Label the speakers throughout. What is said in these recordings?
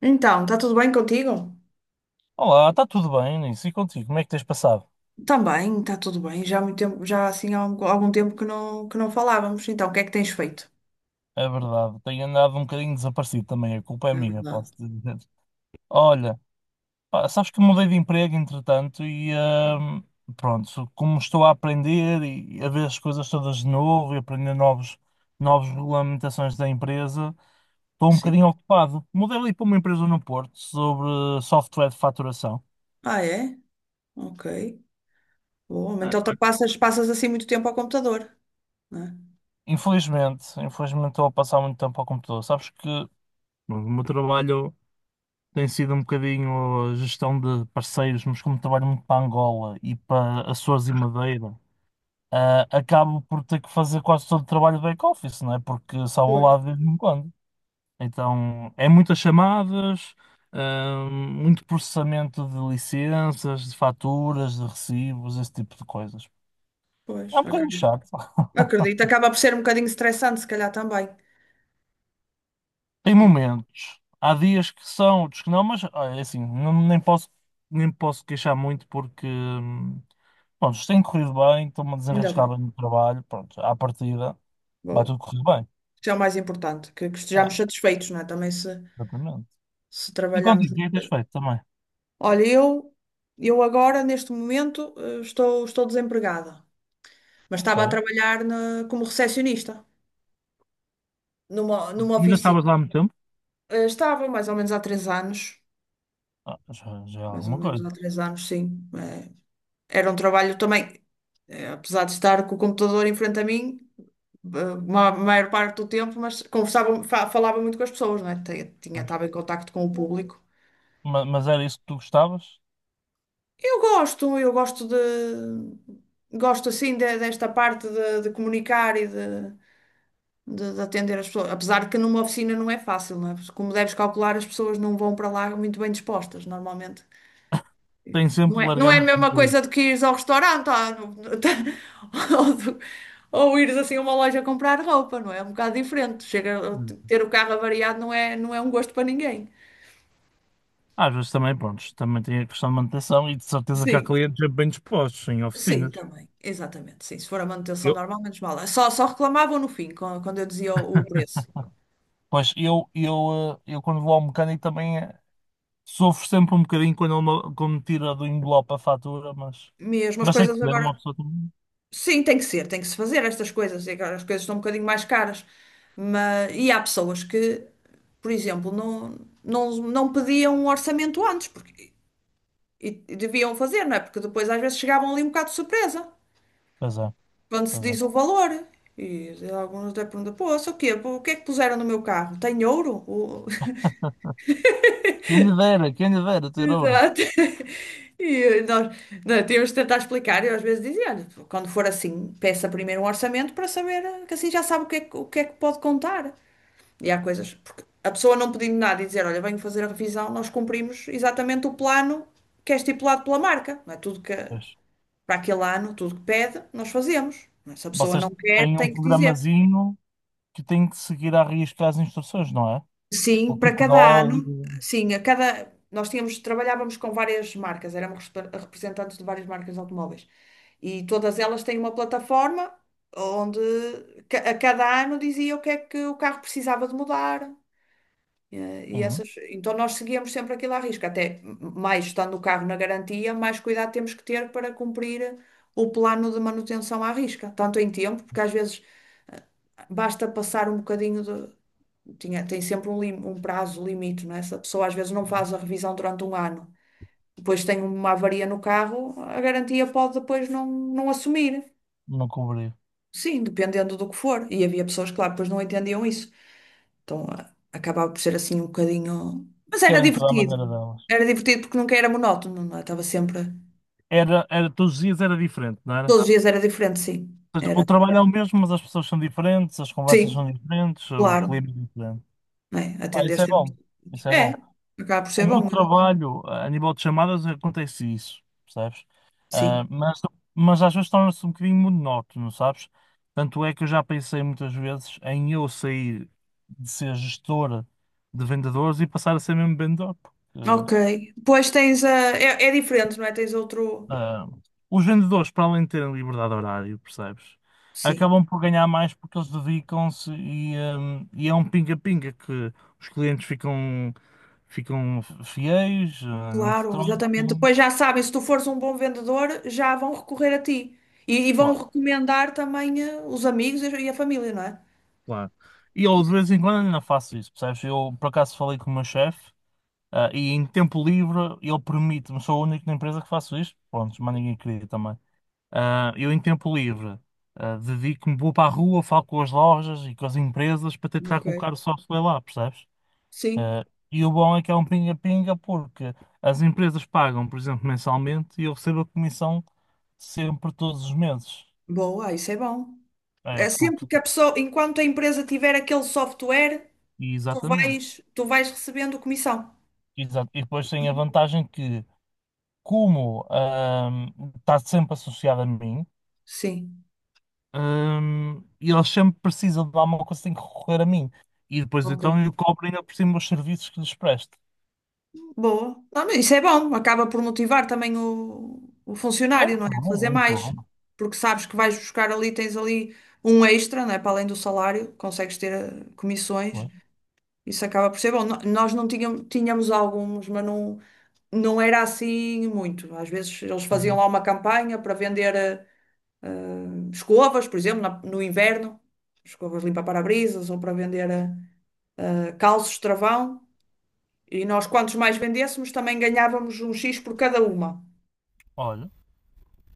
Speaker 1: Então, está tudo bem contigo?
Speaker 2: Olá, está tudo bem, Nisso? E contigo? Como é que tens passado?
Speaker 1: Também, está tudo bem. Já há muito tempo, já assim há algum tempo que não falávamos. Então, o que é que tens feito?
Speaker 2: É verdade, tenho andado um bocadinho desaparecido também, a culpa é
Speaker 1: É
Speaker 2: minha,
Speaker 1: verdade.
Speaker 2: posso dizer. Olha, pá, sabes que mudei de emprego entretanto e pronto, como estou a aprender e a ver as coisas todas de novo e aprender novos, novas regulamentações da empresa, estou um
Speaker 1: Sim.
Speaker 2: bocadinho ocupado. Mudei ali para uma empresa no Porto sobre software de faturação.
Speaker 1: Ah, é? Ok. Bom, então tu passas assim muito tempo ao computador, não é?
Speaker 2: Infelizmente, infelizmente estou a passar muito tempo ao computador. Sabes que o meu trabalho tem sido um bocadinho a gestão de parceiros, mas como trabalho muito para Angola e para Açores e Madeira, acabo por ter que fazer quase todo o trabalho de back-office, não é? Porque só vou
Speaker 1: Pois.
Speaker 2: lá de vez em quando. Então, é muitas chamadas, muito processamento de licenças, de faturas, de recibos, esse tipo de coisas.
Speaker 1: Pois,
Speaker 2: É um bocadinho
Speaker 1: acaba.
Speaker 2: chato.
Speaker 1: Acredito, acaba por ser um bocadinho estressante, se calhar também.
Speaker 2: Tem
Speaker 1: Não é?
Speaker 2: momentos. Há dias que são, outros que não, mas olha, é assim, nem posso, nem posso queixar muito porque, pronto, isto tem corrido bem, estou-me a
Speaker 1: Ainda
Speaker 2: desenrascar
Speaker 1: bem.
Speaker 2: bem no trabalho, pronto, à partida vai tudo
Speaker 1: Boa.
Speaker 2: correr bem.
Speaker 1: Isso é o mais importante, que estejamos
Speaker 2: É,
Speaker 1: satisfeitos, não é? Também se,
Speaker 2: exatamente.
Speaker 1: se
Speaker 2: E
Speaker 1: trabalharmos.
Speaker 2: contigo, o que é que tens feito também?
Speaker 1: Olha, eu agora, neste momento, estou desempregada, mas estava a
Speaker 2: Ok.
Speaker 1: trabalhar como recepcionista numa
Speaker 2: Ainda
Speaker 1: oficina.
Speaker 2: estavas lá há muito tempo?
Speaker 1: Estava mais ou menos há três anos,
Speaker 2: Ah, já, já é
Speaker 1: mais ou
Speaker 2: alguma
Speaker 1: menos
Speaker 2: coisa.
Speaker 1: há três anos, sim. Era um trabalho também, apesar de estar com o computador em frente a mim, a maior parte do tempo, mas conversava, falava muito com as pessoas, não é?
Speaker 2: Mas,
Speaker 1: Estava em contacto com o público.
Speaker 2: mas era isso que tu gostavas?
Speaker 1: Eu gosto de. Gosto assim desta parte de comunicar de atender as pessoas. Apesar de que numa oficina não é fácil, não é? Porque, como deves calcular, as pessoas não vão para lá muito bem dispostas, normalmente.
Speaker 2: Tenho sempre
Speaker 1: Não
Speaker 2: de
Speaker 1: é, não
Speaker 2: largar
Speaker 1: é a
Speaker 2: muito
Speaker 1: mesma
Speaker 2: dinheiro.
Speaker 1: coisa do que ires ao restaurante, ou, ou ires assim a uma loja comprar roupa, não é? É um bocado diferente. Chega, a
Speaker 2: Hum.
Speaker 1: ter o carro avariado não é, não é um gosto para ninguém.
Speaker 2: Às vezes também, pronto, também tem a questão de manutenção e de certeza que há
Speaker 1: Sim,
Speaker 2: clientes bem dispostos em
Speaker 1: sim,
Speaker 2: oficinas.
Speaker 1: também. Exatamente, sim. Se for a manutenção normal, menos mal. Só reclamavam no fim, quando eu dizia o preço.
Speaker 2: Pois eu quando vou ao mecânico também, sofro sempre um bocadinho quando quando me tira do envelope a fatura,
Speaker 1: Mesmo as
Speaker 2: mas tem que
Speaker 1: coisas
Speaker 2: ter uma
Speaker 1: agora.
Speaker 2: pessoa também.
Speaker 1: Sim, tem que ser, tem que se fazer estas coisas. E agora as coisas estão um bocadinho mais caras. Mas, e há pessoas que, por exemplo, não pediam um orçamento antes, porque e deviam fazer, não é? Porque depois às vezes chegavam ali um bocado de surpresa,
Speaker 2: Pois é,
Speaker 1: quando se
Speaker 2: pois é.
Speaker 1: diz o valor. E alguns até perguntam, pô, isso o quê? Pô, o que é que puseram no meu carro? Tem ouro?
Speaker 2: Quem lhe dera ter ouro.
Speaker 1: Exato. E nós, nós temos de tentar explicar. Eu às vezes dizia, olha, quando for assim, peça primeiro um orçamento para saber, que assim já sabe o que é que, o que é que pode contar. E há coisas, porque a pessoa não pedindo nada e dizer, olha, venho fazer a revisão, nós cumprimos exatamente o plano que é estipulado pela marca. Não é tudo que,
Speaker 2: Pois.
Speaker 1: para aquele ano, tudo que pede, nós fazemos. Não é? Se a pessoa
Speaker 2: Vocês
Speaker 1: não quer,
Speaker 2: têm um
Speaker 1: tem que dizer.
Speaker 2: programazinho que tem que seguir à risca as instruções, não é? O
Speaker 1: Sim, para
Speaker 2: tipo de
Speaker 1: cada ano,
Speaker 2: óleo.
Speaker 1: sim, a cada nós tínhamos trabalhávamos com várias marcas, éramos representantes de várias marcas de automóveis, e todas elas têm uma plataforma onde a cada ano dizia o que é que o carro precisava de mudar,
Speaker 2: Uhum.
Speaker 1: então nós seguíamos sempre aquilo à risca, até mais estando o carro na garantia, mais cuidado temos que ter para cumprir o plano de manutenção à risca, tanto em tempo, porque às vezes basta passar um bocadinho, tem sempre um, um prazo limite, não é? Se a pessoa às vezes não
Speaker 2: Uhum.
Speaker 1: faz a revisão durante um ano, depois tem uma avaria no carro, a garantia pode depois não assumir.
Speaker 2: Não cobri.
Speaker 1: Sim, dependendo do que for. E havia pessoas, claro, depois não entendiam isso. Então acabava por ser assim um bocadinho. Mas era
Speaker 2: Querem toda a
Speaker 1: divertido.
Speaker 2: maneira delas.
Speaker 1: Era divertido porque nunca era monótono, não é? Estava sempre.
Speaker 2: Era, era, todos os dias era diferente, não era?
Speaker 1: Todos os dias era diferente, sim.
Speaker 2: Ou seja,
Speaker 1: Era.
Speaker 2: o trabalho é o mesmo, mas as pessoas são diferentes, as conversas são
Speaker 1: Sim,
Speaker 2: diferentes, o
Speaker 1: claro.
Speaker 2: clima é diferente.
Speaker 1: Não é,
Speaker 2: Pá,
Speaker 1: atender
Speaker 2: isso é
Speaker 1: sempre.
Speaker 2: bom. Isso é
Speaker 1: É,
Speaker 2: bom.
Speaker 1: acaba por
Speaker 2: O
Speaker 1: ser
Speaker 2: meu
Speaker 1: bom,
Speaker 2: trabalho, a nível de chamadas, acontece isso, percebes? Ah,
Speaker 1: sim.
Speaker 2: mas às vezes torna-se um bocadinho monótono, sabes? Tanto é que eu já pensei muitas vezes em eu sair de ser gestora de vendedores e passar a ser mesmo vendedor, porque
Speaker 1: Ok. Pois tens a. É, é diferente, não é? Tens outro.
Speaker 2: Ah, os vendedores, para além de terem liberdade de horário, percebes?
Speaker 1: Sim,
Speaker 2: Acabam por ganhar mais porque eles dedicam-se e e é um pinga-pinga que os clientes ficam, ficam fiéis, não te
Speaker 1: claro,
Speaker 2: trocam.
Speaker 1: exatamente. Depois já sabem, se tu fores um bom vendedor, já vão recorrer a ti. E vão
Speaker 2: Claro,
Speaker 1: recomendar também os amigos e a família, não é?
Speaker 2: claro. E eu de
Speaker 1: Isso.
Speaker 2: vez em quando ainda faço isso, percebes? Eu por acaso falei com o meu chefe, e em tempo livre ele permite-me, sou o único na empresa que faço isto, pronto, mas ninguém queria também. Eu, em tempo livre, dedico-me, vou para a rua, falo com as lojas e com as empresas para tentar
Speaker 1: Ok.
Speaker 2: colocar o software lá, percebes?
Speaker 1: Sim.
Speaker 2: Ah, e o bom é que é um pinga-pinga porque as empresas pagam, por exemplo, mensalmente e eu recebo a comissão sempre todos os meses.
Speaker 1: Boa, isso é bom.
Speaker 2: É,
Speaker 1: É
Speaker 2: porque,
Speaker 1: sempre que a pessoa, enquanto a empresa tiver aquele software,
Speaker 2: exatamente.
Speaker 1: tu vais recebendo comissão.
Speaker 2: Exato. E depois tem a vantagem que, como, está sempre associado a mim.
Speaker 1: Sim,
Speaker 2: E eles sempre precisam de alguma coisa, têm que recorrer a mim. E depois
Speaker 1: ok.
Speaker 2: então eu cobro ainda por cima os serviços que lhes presto.
Speaker 1: Boa. Não, mas isso é bom, acaba por motivar também o
Speaker 2: É
Speaker 1: funcionário, não
Speaker 2: muito
Speaker 1: é? A
Speaker 2: bom,
Speaker 1: fazer
Speaker 2: é muito
Speaker 1: mais,
Speaker 2: bom.
Speaker 1: porque sabes que vais buscar ali, tens ali um extra, não é? Para além do salário, consegues ter comissões,
Speaker 2: Pois,
Speaker 1: isso acaba por ser bom. Nós não tínhamos, tínhamos alguns, mas não, não era assim muito. Às vezes eles faziam
Speaker 2: uhum.
Speaker 1: lá uma campanha para vender eh, escovas, por exemplo, no inverno, escovas limpa-parabrisas, ou para vender calços travão. E nós, quantos mais vendêssemos, também ganhávamos um X por cada uma.
Speaker 2: Olha,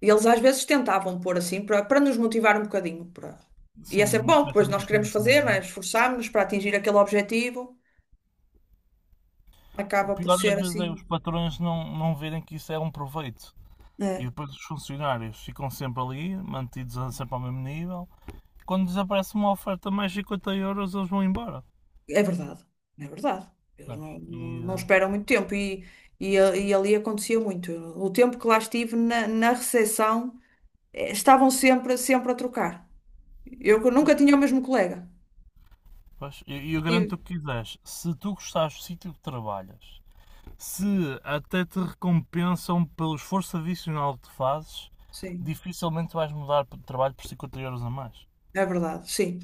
Speaker 1: E eles às vezes tentavam pôr assim, para nos motivar um bocadinho. Para... E é
Speaker 2: sim,
Speaker 1: sempre
Speaker 2: uma
Speaker 1: bom,
Speaker 2: espécie de
Speaker 1: pois nós
Speaker 2: umas
Speaker 1: queremos
Speaker 2: comissões,
Speaker 1: fazer,
Speaker 2: não
Speaker 1: né?
Speaker 2: é?
Speaker 1: Esforçámos-nos para atingir aquele objetivo.
Speaker 2: O
Speaker 1: Acaba por
Speaker 2: pior
Speaker 1: ser
Speaker 2: às vezes é os
Speaker 1: assim.
Speaker 2: patrões não, não verem que isso é um proveito. E
Speaker 1: É,
Speaker 2: depois os funcionários ficam sempre ali, sempre ao mesmo nível. Quando desaparece uma oferta mais 50 euros, eles vão embora.
Speaker 1: é verdade, é verdade. Eles
Speaker 2: Sabes?
Speaker 1: não esperam muito tempo. E, e ali acontecia muito. O tempo que lá estive na recepção, estavam sempre, sempre a trocar. Eu
Speaker 2: Pois,
Speaker 1: nunca tinha o mesmo colega.
Speaker 2: pois, e eu garanto o
Speaker 1: E-
Speaker 2: que quiseres. Se tu gostares do sítio que trabalhas, se até te recompensam pelo esforço adicional que fazes,
Speaker 1: Sim,
Speaker 2: dificilmente vais mudar de trabalho por 50 € a mais.
Speaker 1: é verdade, sim.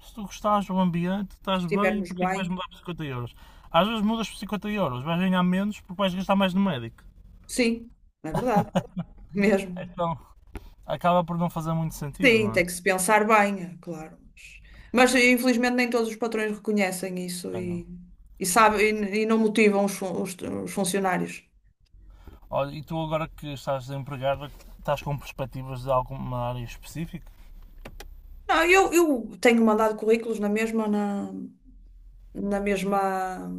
Speaker 2: Se tu gostares do ambiente,
Speaker 1: Se
Speaker 2: estás bem,
Speaker 1: estivermos
Speaker 2: porque é que
Speaker 1: bem.
Speaker 2: vais mudar por 50 euros? Às vezes mudas por 50 euros, vais ganhar menos porque vais gastar mais no médico.
Speaker 1: Sim, é verdade, mesmo.
Speaker 2: Então, acaba por não fazer muito sentido,
Speaker 1: Sim,
Speaker 2: não
Speaker 1: tem
Speaker 2: é?
Speaker 1: que se pensar bem, é claro. Mas infelizmente nem todos os patrões reconhecem isso
Speaker 2: Ah, não.
Speaker 1: e sabem e não motivam os, os funcionários.
Speaker 2: Olha, e tu agora que estás desempregado, estás com perspectivas de alguma área específica?
Speaker 1: Não, eu tenho mandado currículos na mesma, na mesma,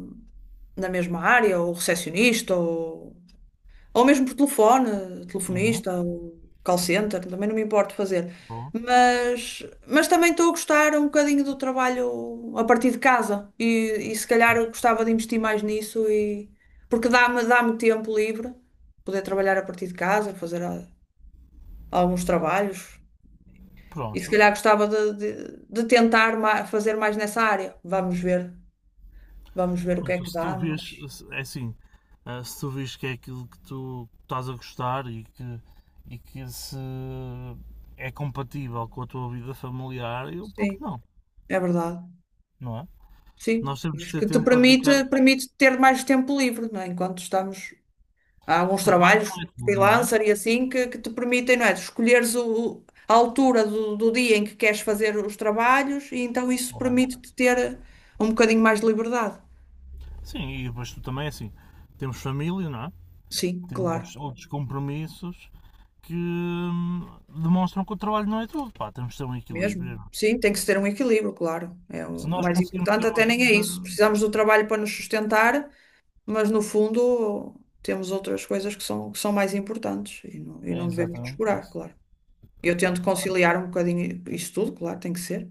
Speaker 1: na mesma área, ou recepcionista, ou mesmo por telefone,
Speaker 2: Uhum,
Speaker 1: telefonista, ou call center, também não me importo fazer.
Speaker 2: boa.
Speaker 1: Mas também estou a gostar um bocadinho do trabalho a partir de casa, e se calhar eu gostava de investir mais nisso, e porque dá-me tempo livre poder trabalhar a partir de casa, fazer alguns trabalhos, e se
Speaker 2: Pronto,
Speaker 1: calhar gostava de tentar fazer mais nessa área. Vamos ver o que é
Speaker 2: Pronto,
Speaker 1: que
Speaker 2: se tu
Speaker 1: dá,
Speaker 2: vês,
Speaker 1: mas
Speaker 2: é assim, se tu vês que é aquilo que tu estás a gostar e que se é compatível com a tua vida familiar, eu, por que
Speaker 1: sim,
Speaker 2: não?
Speaker 1: é verdade.
Speaker 2: Não é?
Speaker 1: Sim,
Speaker 2: Nós
Speaker 1: e
Speaker 2: temos de
Speaker 1: acho
Speaker 2: ter
Speaker 1: que te
Speaker 2: tempo para
Speaker 1: permite,
Speaker 2: dedicar.
Speaker 1: permite ter mais tempo livre, não é? Enquanto estamos. Há alguns
Speaker 2: Trabalho não
Speaker 1: trabalhos
Speaker 2: é tudo, não é?
Speaker 1: freelancer e assim que te permitem, não é? Escolheres a altura do dia em que queres fazer os trabalhos, e então isso
Speaker 2: Claro.
Speaker 1: permite-te ter um bocadinho mais de liberdade.
Speaker 2: Sim, e depois tu também, é assim, temos família, não é?
Speaker 1: Sim, claro,
Speaker 2: Temos outros compromissos que demonstram que o trabalho não é tudo, pá, temos de ter um
Speaker 1: mesmo.
Speaker 2: equilíbrio.
Speaker 1: Sim, tem que se ter um equilíbrio, claro. É o
Speaker 2: Se
Speaker 1: o
Speaker 2: nós
Speaker 1: mais
Speaker 2: conseguimos ter
Speaker 1: importante
Speaker 2: uma
Speaker 1: até nem é
Speaker 2: vida,
Speaker 1: isso. Precisamos do trabalho para nos sustentar, mas no fundo temos outras coisas que são mais importantes e
Speaker 2: é
Speaker 1: não devemos
Speaker 2: exatamente
Speaker 1: descurar,
Speaker 2: isso.
Speaker 1: claro. Eu
Speaker 2: Pá,
Speaker 1: tento
Speaker 2: portanto,
Speaker 1: conciliar um bocadinho isso tudo, claro, tem que ser.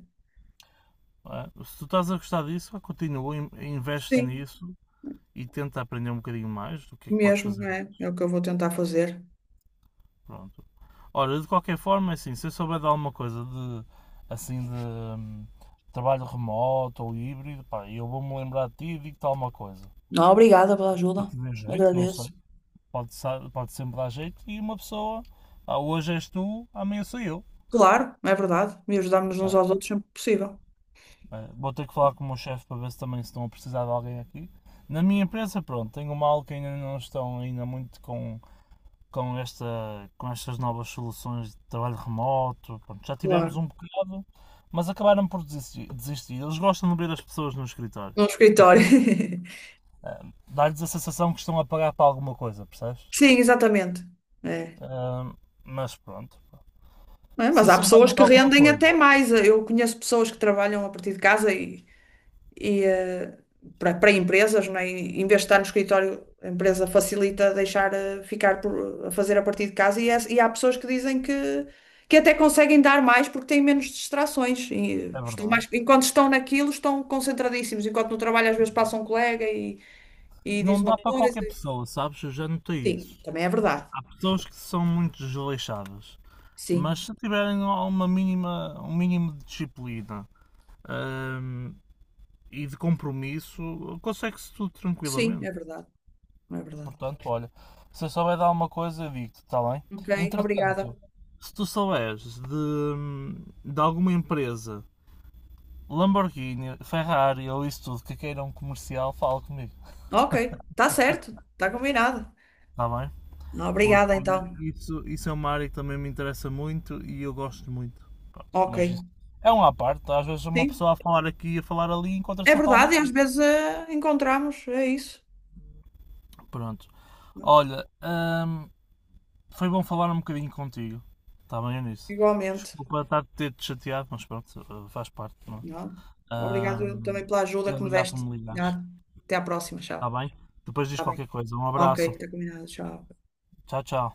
Speaker 2: se tu estás a gostar disso, continua, investe
Speaker 1: Sim,
Speaker 2: nisso e tenta aprender um bocadinho mais do que é que podes
Speaker 1: mesmo,
Speaker 2: fazer.
Speaker 1: é, é o que eu vou tentar fazer.
Speaker 2: Pronto. Ora, de qualquer forma, é assim, se eu souber de alguma coisa de, assim, de trabalho remoto ou híbrido, pá, eu vou-me lembrar de ti e digo-te alguma coisa.
Speaker 1: Não, obrigada pela
Speaker 2: Se
Speaker 1: ajuda.
Speaker 2: te der jeito, não sei.
Speaker 1: Agradeço.
Speaker 2: Pode, pode sempre dar jeito e uma pessoa, hoje és tu, amanhã sou eu.
Speaker 1: Claro, é verdade. E ajudarmos uns
Speaker 2: Ah,
Speaker 1: aos outros sempre que possível.
Speaker 2: Vou ter que falar com o meu chefe para ver se também estão a precisar de alguém aqui. Na minha empresa, pronto, tenho uma aula que ainda não estão ainda muito com, com, esta, com estas novas soluções de trabalho remoto. Pronto, já tivemos
Speaker 1: Claro.
Speaker 2: um bocado, mas acabaram por desistir. Eles gostam de ver as pessoas no escritório.
Speaker 1: Num escritório.
Speaker 2: Ah, Dá-lhes a sensação que estão a pagar para alguma coisa, percebes?
Speaker 1: Sim, exatamente. É.
Speaker 2: Ah, mas pronto.
Speaker 1: É,
Speaker 2: Se
Speaker 1: mas há
Speaker 2: souberem
Speaker 1: pessoas
Speaker 2: de
Speaker 1: que
Speaker 2: alguma
Speaker 1: rendem
Speaker 2: coisa,
Speaker 1: até mais. Eu conheço pessoas que trabalham a partir de casa, e e eh, para empresas, não é? E em vez de estar no escritório, a empresa facilita deixar ficar a fazer a partir de casa, e e há pessoas que dizem que até conseguem dar mais porque têm menos distrações. E
Speaker 2: é
Speaker 1: estão
Speaker 2: verdade.
Speaker 1: mais, enquanto estão naquilo, estão concentradíssimos, enquanto no trabalho às vezes passa um colega e diz
Speaker 2: Não dá
Speaker 1: uma
Speaker 2: para
Speaker 1: coisa.
Speaker 2: qualquer pessoa, sabes? Eu já notei isso.
Speaker 1: Sim, também é verdade.
Speaker 2: Há pessoas que são muito desleixadas. Mas
Speaker 1: Sim,
Speaker 2: se tiverem uma mínima, um mínimo de disciplina hum, e de compromisso, consegue-se tudo
Speaker 1: sim,
Speaker 2: tranquilamente.
Speaker 1: é verdade. É verdade.
Speaker 2: Portanto, olha, se eu souber de alguma coisa, eu digo-te, está bem?
Speaker 1: Ok, obrigada.
Speaker 2: Entretanto, se tu souberes de alguma empresa, Lamborghini, Ferrari ou isso tudo, que queiram comercial, fala comigo,
Speaker 1: Ok, está certo, está combinado.
Speaker 2: está bem?
Speaker 1: Obrigada
Speaker 2: Porque
Speaker 1: então.
Speaker 2: isso é uma área que também me interessa muito e eu gosto muito. Pronto,
Speaker 1: Ok.
Speaker 2: mas isso é um à parte. Às vezes uma
Speaker 1: Sim.
Speaker 2: pessoa a falar aqui e a falar ali encontra
Speaker 1: É
Speaker 2: sempre alguma
Speaker 1: verdade, e às
Speaker 2: coisa.
Speaker 1: vezes encontramos, é isso.
Speaker 2: Pronto.
Speaker 1: Não,
Speaker 2: Olha, hum, foi bom falar um bocadinho contigo. Está bem nisso.
Speaker 1: igualmente.
Speaker 2: Desculpa estar a ter-te chateado, mas pronto, faz parte, não
Speaker 1: Não.
Speaker 2: é?
Speaker 1: Obrigado eu também pela ajuda
Speaker 2: E
Speaker 1: que me
Speaker 2: obrigado por
Speaker 1: deste.
Speaker 2: me ligares.
Speaker 1: Já. Até à próxima,
Speaker 2: Está
Speaker 1: tchau.
Speaker 2: bem? Depois diz
Speaker 1: Está bem.
Speaker 2: qualquer coisa. Um
Speaker 1: Ok,
Speaker 2: abraço.
Speaker 1: está combinado, tchau.
Speaker 2: Tchau, tchau.